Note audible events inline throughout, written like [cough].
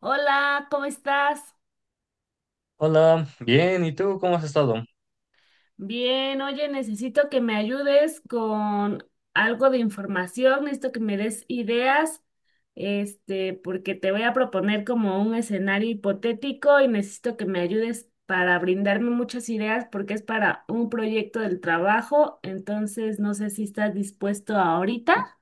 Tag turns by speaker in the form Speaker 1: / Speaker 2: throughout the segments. Speaker 1: Hola, ¿cómo estás?
Speaker 2: Hola, bien, ¿y tú cómo has estado?
Speaker 1: Bien, oye, necesito que me ayudes con algo de información, necesito que me des ideas, este, porque te voy a proponer como un escenario hipotético y necesito que me ayudes para brindarme muchas ideas porque es para un proyecto del trabajo, entonces no sé si estás dispuesto ahorita.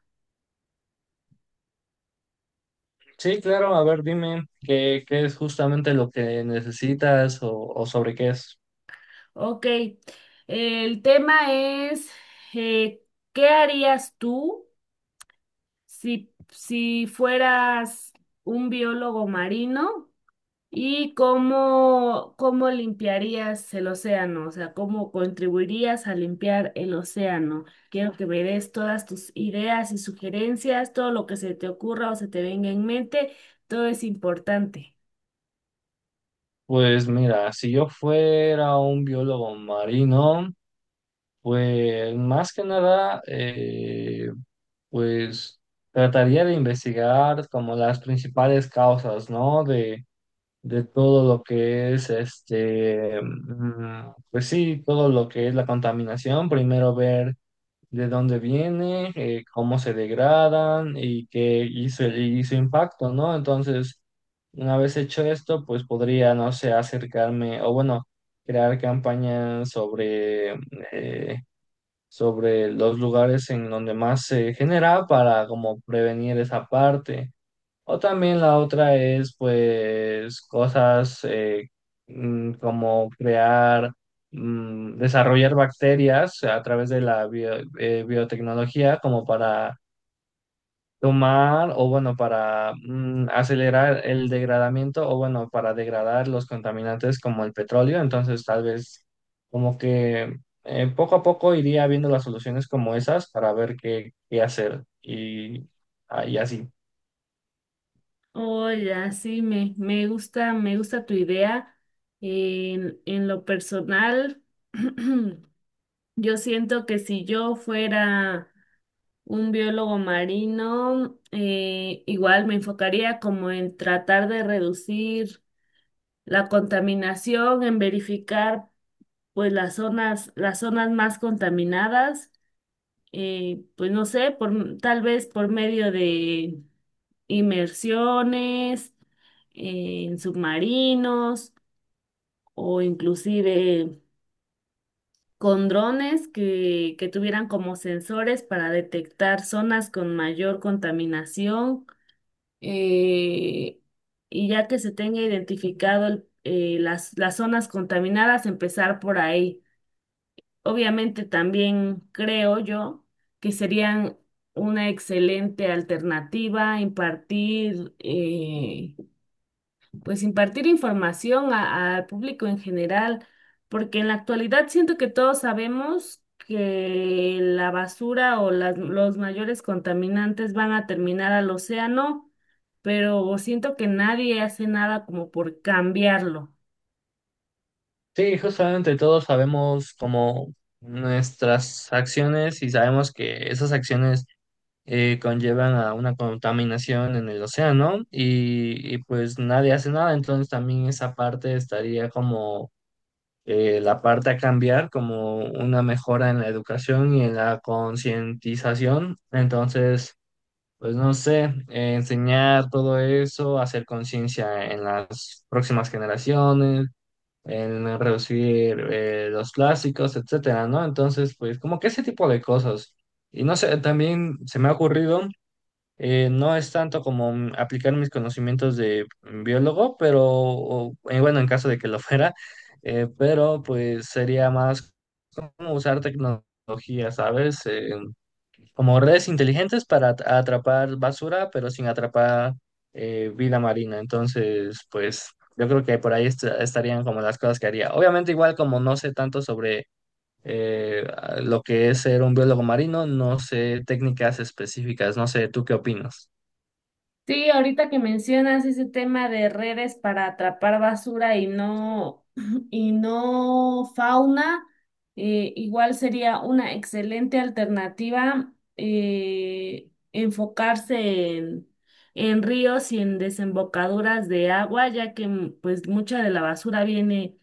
Speaker 2: Sí, claro, a ver, dime qué es justamente lo que necesitas o sobre qué es.
Speaker 1: Ok, el tema es, eh, ¿qué harías tú? Si fueras un biólogo marino y cómo limpiarías el océano, o sea, cómo contribuirías a limpiar el océano. Quiero que me des todas tus ideas y sugerencias, todo lo que se te ocurra o se te venga en mente, todo es importante.
Speaker 2: Pues mira, si yo fuera un biólogo marino, pues más que nada, pues trataría de investigar como las principales causas, ¿no? De todo lo que es este, mm, pues sí, todo lo que es la contaminación. Primero ver de dónde viene, cómo se degradan y qué hizo, y su impacto, ¿no? Entonces, una vez hecho esto, pues podría, no sé, acercarme o bueno, crear campañas sobre, eh, sobre los lugares en donde más se genera para como prevenir esa parte. O también la otra es, pues, cosas mm, como crear, mm, desarrollar bacterias a través de la biotecnología como para tomar o, bueno, para mm, acelerar el degradamiento o, bueno, para degradar los contaminantes como el petróleo. Entonces, tal vez como que poco a poco iría viendo las soluciones como esas para ver qué hacer y, ah, y así.
Speaker 1: Hola, sí, me gusta, me gusta tu idea. En lo personal, [clears throat] yo siento que si yo fuera un biólogo marino, igual me enfocaría como en tratar de reducir la contaminación, en verificar pues las zonas más contaminadas, pues no sé, por, tal vez por medio de inmersiones en submarinos o inclusive con drones que tuvieran como sensores para detectar zonas con mayor contaminación eh, y ya que se tenga identificado las zonas contaminadas, empezar por ahí. Obviamente también creo yo que serían una excelente alternativa impartir pues impartir información al público en general, porque en la actualidad siento que todos sabemos que la basura o las, los mayores contaminantes van a terminar al océano, pero siento que nadie hace nada como por cambiarlo.
Speaker 2: Sí, justamente todos sabemos como nuestras acciones y sabemos que esas acciones conllevan a una contaminación en el océano y pues nadie hace nada, entonces también esa parte estaría como la parte a cambiar, como una mejora en la educación y en la concientización, entonces pues no sé, enseñar todo eso, hacer conciencia en las próximas generaciones en reducir los plásticos, etcétera, ¿no? Entonces, pues como que ese tipo de cosas. Y no sé, también se me ha ocurrido, no es tanto como mm, aplicar mis conocimientos de mm, biólogo, pero o, bueno, en caso de que lo [laughs] fuera, pero pues sería más como usar tecnología, ¿sabes? Como redes inteligentes para atrapar basura, pero sin atrapar vida marina. Entonces, pues yo creo que por ahí estarían como las cosas que haría. Obviamente, igual como no sé tanto sobre eh, lo que es ser un biólogo marino, no sé técnicas específicas, no sé, ¿tú qué opinas?
Speaker 1: Sí, ahorita que mencionas ese tema de redes para atrapar basura y no, [clears throat] y no fauna, igual sería una excelente alternativa enfocarse en ríos y en desembocaduras de agua, ya que pues mucha de la basura viene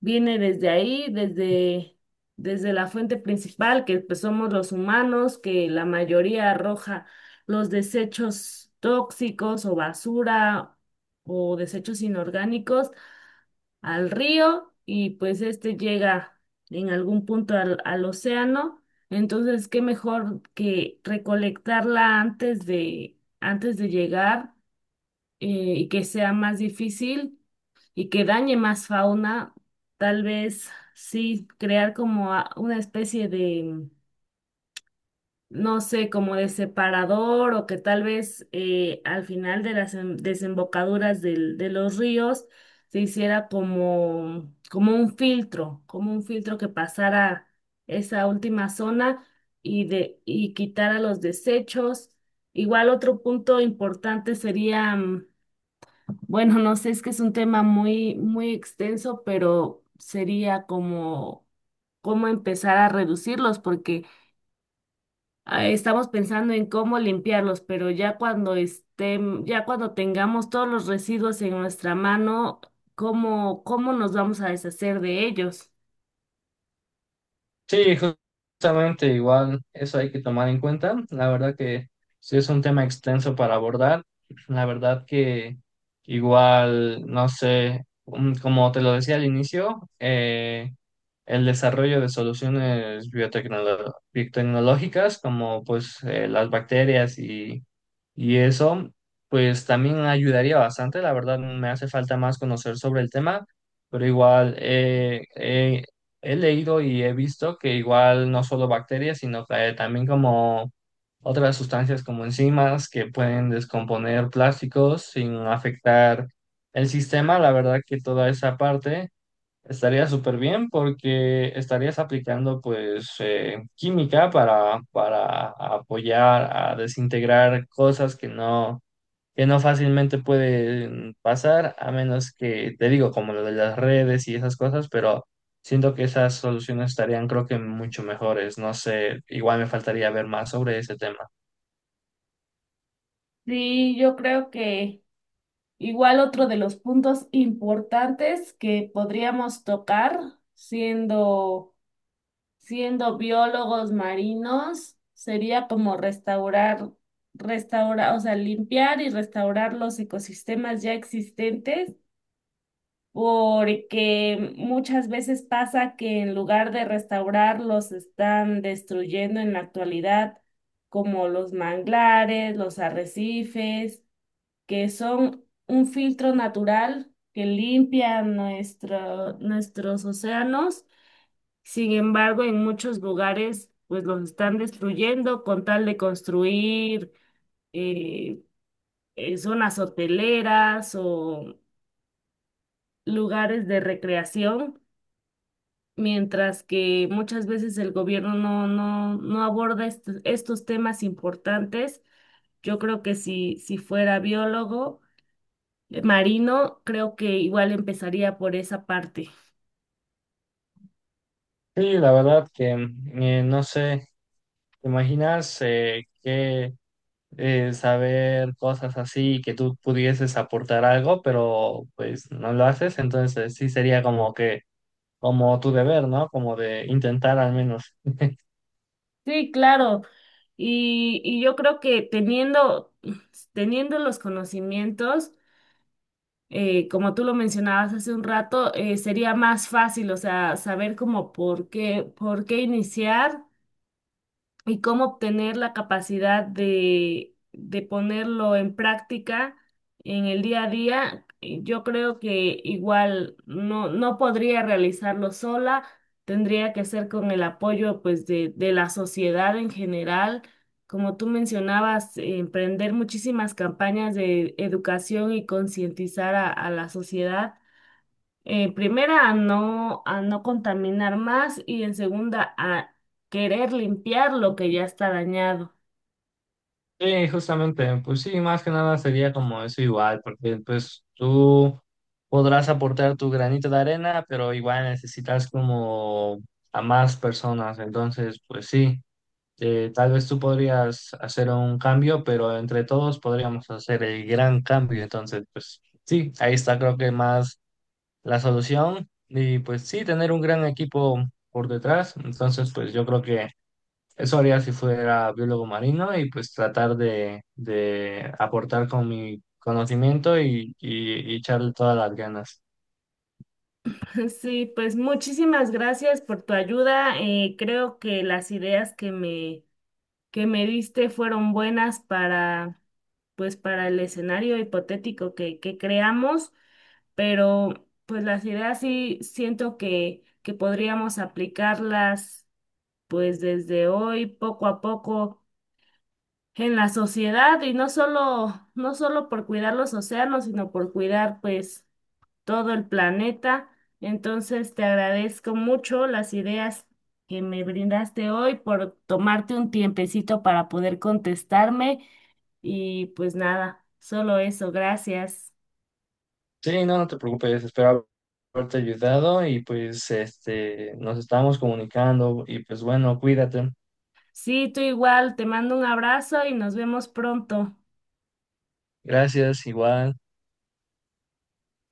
Speaker 1: viene desde ahí, desde, desde la fuente principal, que pues, somos los humanos, que la mayoría arroja los desechos tóxicos o basura o desechos inorgánicos al río y pues este llega en algún punto al, al océano. Entonces, qué mejor que recolectarla antes de llegar eh, y que sea más difícil y que dañe más fauna, tal vez sí crear como una especie de, no sé, como de separador o que tal vez al final de las desembocaduras de los ríos se hiciera como, como un filtro que pasara esa última zona y, de, y quitara los desechos. Igual otro punto importante sería bueno, no sé, es que es un tema muy, muy extenso, pero sería como cómo empezar a reducirlos, porque estamos pensando en cómo limpiarlos, pero ya cuando estén, ya cuando tengamos todos los residuos en nuestra mano, ¿cómo, cómo nos vamos a deshacer de ellos?
Speaker 2: Sí, justamente igual eso hay que tomar en cuenta. La verdad que sí es un tema extenso para abordar. La verdad que igual, no sé, mm, como te lo decía al inicio, el desarrollo de soluciones biotecnológicas como pues las bacterias y eso, pues también ayudaría bastante. La verdad me hace falta más conocer sobre el tema, pero igual... he leído y he visto que igual no solo bacterias, sino que también como otras sustancias como enzimas que pueden descomponer plásticos sin afectar el sistema. La verdad que toda esa parte estaría súper bien porque estarías aplicando pues química para apoyar a desintegrar cosas que no fácilmente pueden pasar, a menos que, te digo, como lo de las redes y esas cosas, pero siento que esas soluciones estarían, creo que, mucho mejores. No sé, igual me faltaría ver más sobre ese tema.
Speaker 1: Sí, yo creo que igual otro de los puntos importantes que podríamos tocar siendo siendo biólogos marinos, sería como restaurar, restaurar, o sea, limpiar y restaurar los ecosistemas ya existentes, porque muchas veces pasa que en lugar de restaurarlos están destruyendo en la actualidad, como los manglares, los arrecifes, que son un filtro natural que limpia nuestro, nuestros océanos. Sin embargo, en muchos lugares, pues los están destruyendo con tal de construir eh, zonas hoteleras o lugares de recreación, mientras que muchas veces el gobierno no aborda estos, estos temas importantes. Yo creo que si fuera biólogo marino, creo que igual empezaría por esa parte.
Speaker 2: Sí, la verdad que, no sé, ¿te imaginas que saber cosas así, que tú pudieses aportar algo, pero pues no lo haces? Entonces sí sería como que, como tu deber, ¿no? Como de intentar al menos.
Speaker 1: Sí, claro. Y yo creo que teniendo, teniendo los conocimientos, como tú lo mencionabas hace un rato, sería más fácil, o sea, saber cómo por qué iniciar y cómo obtener la capacidad de ponerlo en práctica en el día a día, yo creo que igual no, no podría realizarlo sola, tendría que ser con el apoyo pues de la sociedad en general. Como tú mencionabas, emprender muchísimas campañas de educación y concientizar a la sociedad en primera, a no contaminar más y en segunda, a querer limpiar lo que ya está dañado.
Speaker 2: Sí, justamente, pues sí, más que nada sería como eso igual, porque pues tú podrás aportar tu granito de arena, pero igual necesitas como a más personas, entonces pues sí, tal vez tú podrías hacer un cambio, pero entre todos podríamos hacer el gran cambio, entonces pues sí, ahí está creo que más la solución y pues sí, tener un gran equipo por detrás, entonces pues yo creo que... Eso haría si fuera biólogo marino y pues tratar de aportar con mi conocimiento y echarle todas las ganas.
Speaker 1: [laughs] Sí, pues muchísimas gracias por tu ayuda. Creo que las ideas que me diste fueron buenas para, pues, para el escenario hipotético que creamos, pero pues las ideas sí siento que podríamos aplicarlas pues desde hoy, poco a poco en la sociedad y no solo, no solo por cuidar los océanos, sino por cuidar pues todo el planeta. Entonces te agradezco mucho las ideas que me brindaste hoy por tomarte un tiempecito para poder contestarme y pues nada, solo eso, gracias.
Speaker 2: Sí, no, no te preocupes, espero haberte ayudado y pues este, nos estamos comunicando y pues bueno, cuídate.
Speaker 1: Sí, tú igual, te mando un abrazo y nos vemos pronto.
Speaker 2: Gracias, igual.